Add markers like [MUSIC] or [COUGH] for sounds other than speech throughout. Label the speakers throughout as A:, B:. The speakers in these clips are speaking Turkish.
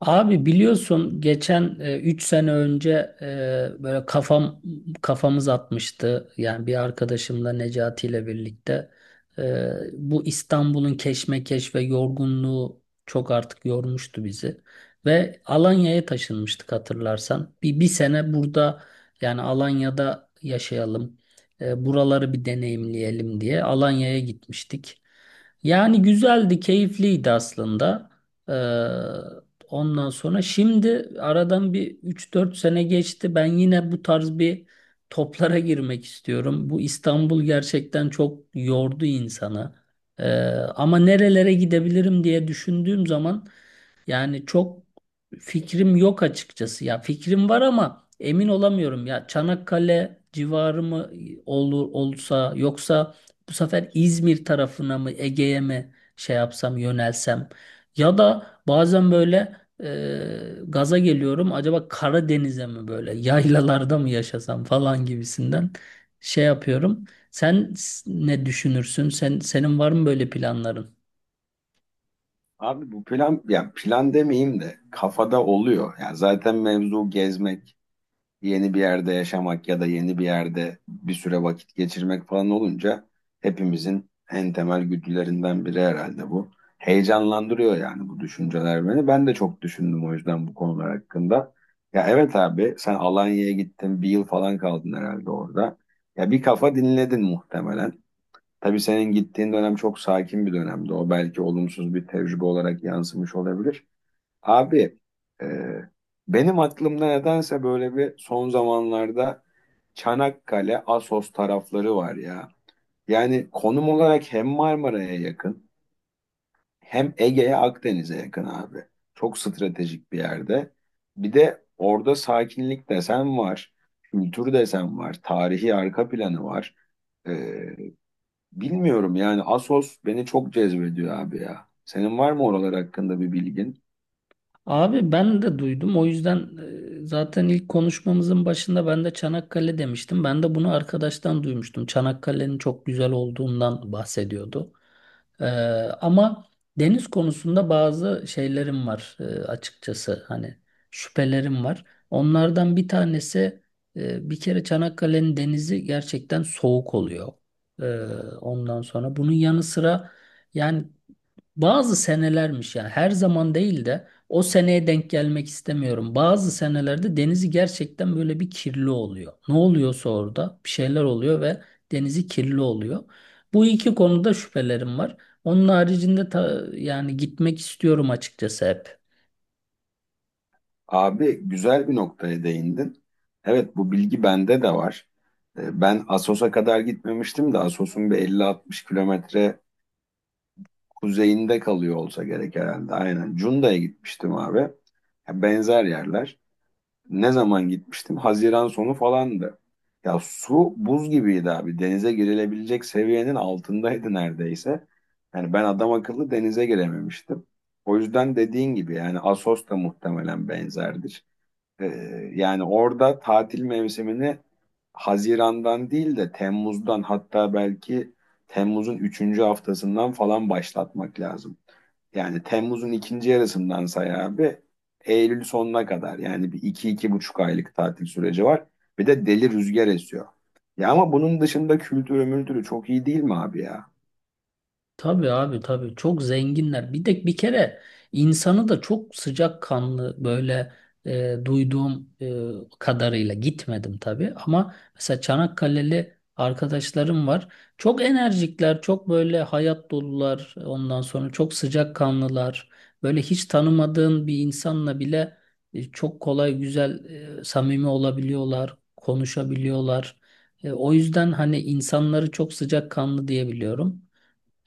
A: Abi biliyorsun geçen 3 sene önce böyle kafamız atmıştı. Yani bir arkadaşımla Necati ile birlikte bu İstanbul'un keşmekeş ve yorgunluğu çok artık yormuştu bizi. Ve Alanya'ya taşınmıştık hatırlarsan. Bir sene burada yani Alanya'da yaşayalım. Buraları bir deneyimleyelim diye Alanya'ya gitmiştik. Yani güzeldi, keyifliydi aslında. E, Ondan sonra şimdi aradan bir üç dört sene geçti. Ben yine bu tarz bir toplara girmek istiyorum. Bu İstanbul gerçekten çok yordu insanı. Ee, ama nerelere gidebilirim diye düşündüğüm zaman yani çok fikrim yok açıkçası. Ya fikrim var ama emin olamıyorum. Ya Çanakkale civarı mı olur olsa yoksa bu sefer İzmir tarafına mı Ege'ye mi şey yapsam yönelsem ya da bazen böyle gaza geliyorum. Acaba Karadeniz'e mi böyle yaylalarda mı yaşasam falan gibisinden şey yapıyorum. Ne düşünürsün? Senin var mı böyle planların?
B: Abi bu plan, ya plan demeyeyim de kafada oluyor. Yani zaten mevzu gezmek, yeni bir yerde yaşamak ya da yeni bir yerde bir süre vakit geçirmek falan olunca hepimizin en temel güdülerinden biri herhalde bu. Heyecanlandırıyor yani bu düşünceler beni. Ben de çok düşündüm o yüzden bu konular hakkında. Ya evet abi, sen Alanya'ya gittin bir yıl falan kaldın herhalde orada. Ya bir kafa dinledin muhtemelen. Tabii senin gittiğin dönem çok sakin bir dönemdi. O belki olumsuz bir tecrübe olarak yansımış olabilir. Abi e, benim aklımda nedense böyle bir son zamanlarda Çanakkale, Assos tarafları var ya. Yani konum olarak hem Marmara'ya yakın, hem Ege'ye, Akdeniz'e yakın abi. Çok stratejik bir yerde. Bir de orada sakinlik desen var, kültür desen var, tarihi arka planı var. E, Bilmiyorum yani, Asos beni çok cezbediyor abi ya. Senin var mı oralar hakkında bir bilgin?
A: Abi ben de duydum. O yüzden zaten ilk konuşmamızın başında ben de Çanakkale demiştim. Ben de bunu arkadaştan duymuştum. Çanakkale'nin çok güzel olduğundan bahsediyordu. Ee, ama deniz konusunda bazı şeylerim var açıkçası. Hani şüphelerim var. Onlardan bir tanesi, bir kere Çanakkale'nin denizi gerçekten soğuk oluyor. Ee, ondan sonra bunun yanı sıra yani bazı senelermiş, yani her zaman değil de. O seneye denk gelmek istemiyorum. Bazı senelerde denizi gerçekten böyle bir kirli oluyor. Ne oluyorsa orada bir şeyler oluyor ve denizi kirli oluyor. Bu iki konuda şüphelerim var. Onun haricinde yani gitmek istiyorum açıkçası hep.
B: Abi güzel bir noktaya değindin. Evet, bu bilgi bende de var. Ben Assos'a kadar gitmemiştim de Assos'un bir 50-60 kilometre kuzeyinde kalıyor olsa gerek herhalde. Aynen Cunda'ya gitmiştim abi. Ya, benzer yerler. Ne zaman gitmiştim? Haziran sonu falandı. Ya su buz gibiydi abi. Denize girilebilecek seviyenin altındaydı neredeyse. Yani ben adam akıllı denize girememiştim. O yüzden dediğin gibi yani Assos da muhtemelen benzerdir. Ee, Yani orada tatil mevsimini Haziran'dan değil de Temmuz'dan, hatta belki Temmuz'un üçüncü haftasından falan başlatmak lazım. Yani Temmuz'un ikinci yarısından say abi. Eylül sonuna kadar yani bir iki, iki buçuk aylık tatil süreci var. Bir de deli rüzgar esiyor. Ya ama bunun dışında kültürü mültürü çok iyi değil mi abi ya?
A: Tabii abi, tabii çok zenginler. Bir de bir kere insanı da çok sıcakkanlı, böyle duyduğum kadarıyla, gitmedim tabii, ama mesela Çanakkale'li arkadaşlarım var. Çok enerjikler, çok böyle hayat dolular. Ondan sonra çok sıcakkanlılar. Böyle hiç tanımadığın bir insanla bile çok kolay güzel, samimi olabiliyorlar, konuşabiliyorlar. O yüzden hani insanları çok sıcakkanlı diyebiliyorum.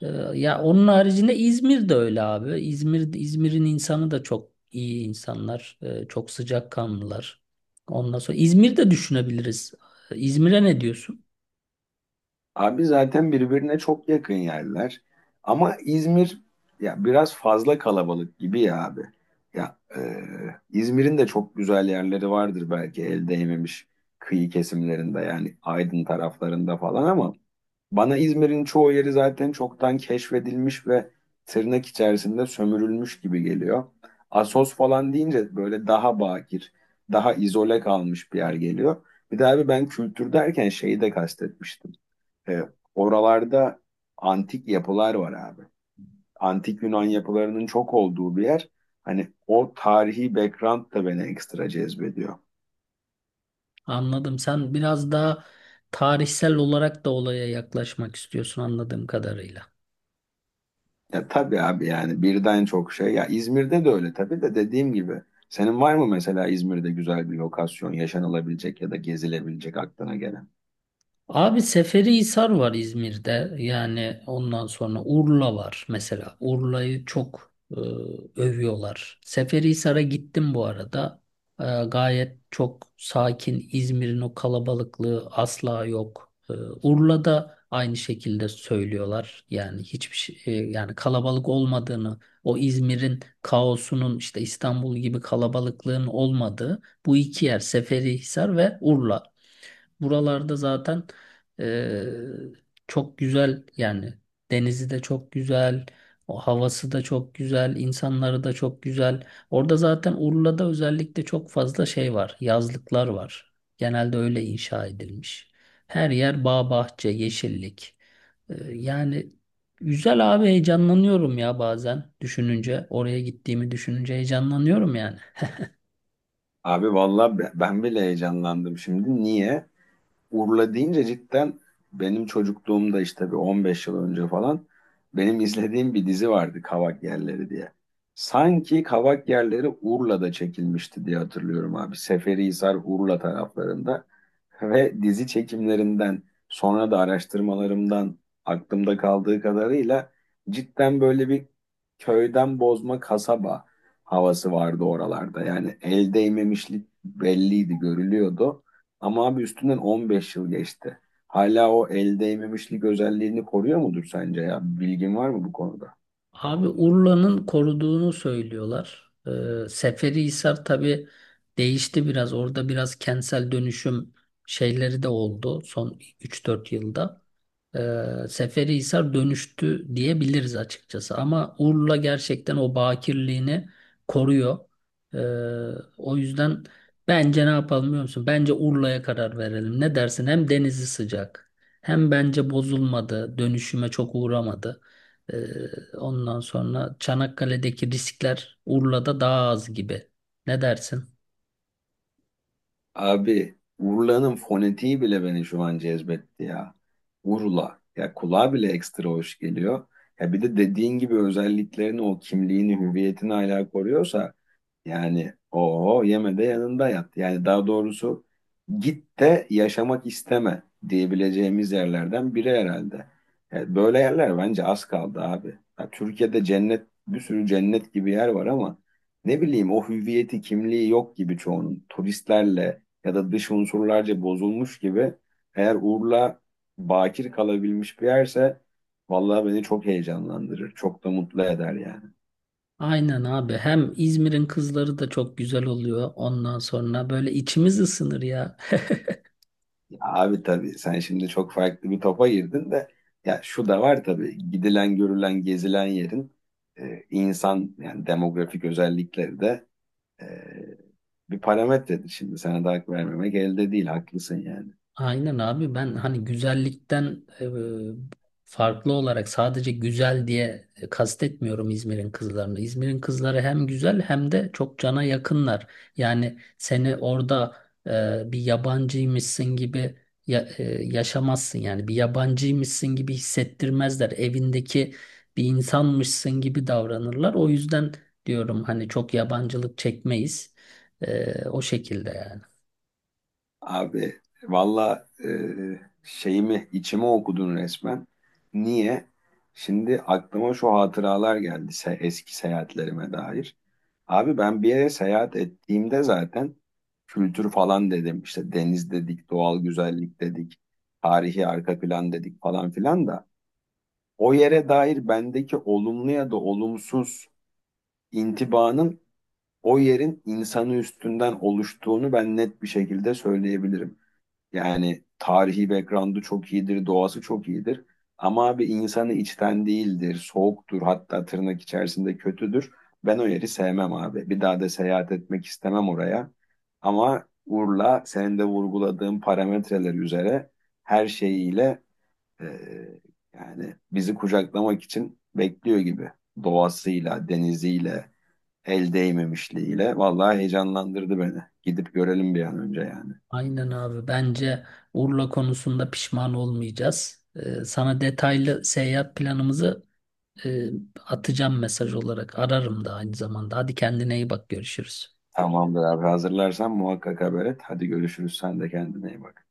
A: Ee, Ya onun haricinde İzmir de öyle abi. İzmir'in insanı da çok iyi insanlar, çok sıcakkanlılar. Ondan sonra İzmir'de düşünebiliriz. İzmir'e ne diyorsun?
B: Abi zaten birbirine çok yakın yerler. Ama İzmir ya biraz fazla kalabalık gibi ya abi. Ya İzmir'in de çok güzel yerleri vardır belki, el değmemiş kıyı kesimlerinde, yani Aydın taraflarında falan, ama bana İzmir'in çoğu yeri zaten çoktan keşfedilmiş ve tırnak içerisinde sömürülmüş gibi geliyor. Assos falan deyince böyle daha bakir, daha izole kalmış bir yer geliyor. Bir de abi ben kültür derken şeyi de kastetmiştim. E, Oralarda antik yapılar var abi. Antik Yunan yapılarının çok olduğu bir yer. Hani o tarihi background da beni ekstra cezbediyor.
A: Anladım. Sen biraz daha tarihsel olarak da olaya yaklaşmak istiyorsun anladığım kadarıyla.
B: Ya tabii abi, yani birden çok şey. Ya İzmir'de de öyle tabii de, dediğim gibi. Senin var mı mesela İzmir'de güzel bir lokasyon, yaşanılabilecek ya da gezilebilecek aklına gelen?
A: Abi Seferihisar var İzmir'de. Yani ondan sonra Urla var mesela. Urla'yı çok övüyorlar. Seferihisar'a gittim bu arada. Gayet çok sakin. İzmir'in o kalabalıklığı asla yok. Urla'da aynı şekilde söylüyorlar. Yani hiçbir şey yani kalabalık olmadığını, o İzmir'in kaosunun, işte İstanbul gibi kalabalıklığın olmadığı bu iki yer Seferihisar ve Urla. Buralarda zaten eee, çok güzel yani. Denizi de çok güzel, o havası da çok güzel, insanları da çok güzel. Orada zaten Urla'da özellikle çok fazla şey var, yazlıklar var. Genelde öyle inşa edilmiş. Her yer bağ bahçe, yeşillik. Yani güzel abi, heyecanlanıyorum ya bazen düşününce, oraya gittiğimi düşününce heyecanlanıyorum yani.
B: Abi vallahi ben bile heyecanlandım şimdi. Niye? Urla deyince cidden benim çocukluğumda işte bir 15 yıl önce falan benim izlediğim bir dizi vardı, Kavak Yerleri diye. Sanki Kavak Yerleri Urla'da çekilmişti diye hatırlıyorum abi. Seferihisar Urla taraflarında ve dizi çekimlerinden sonra da araştırmalarımdan aklımda kaldığı kadarıyla cidden böyle bir köyden bozma kasaba havası vardı oralarda. Yani el değmemişlik belliydi, görülüyordu. Ama abi üstünden 15 yıl geçti. Hala o el değmemişlik özelliğini koruyor mudur sence ya? Bilgin var mı bu konuda?
A: Abi Urla'nın koruduğunu söylüyorlar. Seferihisar tabii değişti biraz. Orada biraz kentsel dönüşüm şeyleri de oldu son 3-4 yılda. Seferihisar dönüştü diyebiliriz açıkçası. Ama Urla gerçekten o bakirliğini koruyor. Ee, o yüzden bence ne yapalım biliyor musun? Bence Urla'ya karar verelim. Ne dersin? Hem denizi sıcak, hem bence bozulmadı, dönüşüme çok uğramadı. Ee, ondan sonra Çanakkale'deki riskler Urla'da daha az gibi. Ne dersin?
B: Abi Urla'nın fonetiği bile beni şu an cezbetti ya. Urla. Ya kulağa bile ekstra hoş geliyor. Ya bir de dediğin gibi özelliklerini, o kimliğini, hüviyetini hala koruyorsa, yani o yeme de yanında yat. Yani daha doğrusu git de yaşamak isteme diyebileceğimiz yerlerden biri herhalde. Evet, böyle yerler bence az kaldı abi. Ya Türkiye'de cennet, bir sürü cennet gibi yer var ama ne bileyim, o hüviyeti kimliği yok gibi çoğunun. Turistlerle ya da dış unsurlarca bozulmuş gibi. Eğer Urla bakir kalabilmiş bir yerse vallahi beni çok heyecanlandırır. Çok da mutlu eder yani.
A: Aynen abi. Hem İzmir'in kızları da çok güzel oluyor. Ondan sonra böyle içimiz ısınır ya. [LAUGHS]
B: Abi tabii sen şimdi çok farklı bir topa girdin de, ya şu da var tabii, gidilen görülen gezilen yerin insan yani demografik özellikleri de e, bir parametredir. Şimdi sana da hak vermemek elde değil, haklısın yani.
A: Aynen abi, ben hani güzellikten farklı olarak sadece güzel diye kastetmiyorum İzmir'in kızlarını. İzmir'in kızları hem güzel hem de çok cana yakınlar. Yani seni orada bir yabancıymışsın gibi yaşamazsın, yani bir yabancıymışsın gibi hissettirmezler. Evindeki bir insanmışsın gibi davranırlar. O yüzden diyorum hani çok yabancılık çekmeyiz. O şekilde yani.
B: Abi valla şeyimi, içimi okudun resmen. Niye? Şimdi aklıma şu hatıralar geldi se eski seyahatlerime dair. Abi ben bir yere seyahat ettiğimde zaten kültür falan dedim. İşte deniz dedik, doğal güzellik dedik, tarihi arka plan dedik falan filan da. O yere dair bendeki olumlu ya da olumsuz intibanın o yerin insanı üstünden oluştuğunu ben net bir şekilde söyleyebilirim. Yani tarihi background'u çok iyidir, doğası çok iyidir. Ama abi insanı içten değildir, soğuktur, hatta tırnak içerisinde kötüdür. Ben o yeri sevmem abi. Bir daha da seyahat etmek istemem oraya. Ama Urla senin de vurguladığın parametreler üzere her şeyiyle e, yani bizi kucaklamak için bekliyor gibi. Doğasıyla, deniziyle, el değmemişliğiyle. Vallahi heyecanlandırdı beni. Gidip görelim bir an önce yani.
A: Aynen abi. Bence Urla konusunda pişman olmayacağız. Sana detaylı seyahat planımızı e, atacağım mesaj olarak. Ararım da aynı zamanda. Hadi kendine iyi bak. Görüşürüz.
B: Tamamdır abi, hazırlarsan muhakkak haber et. Hadi görüşürüz, sen de kendine iyi bak.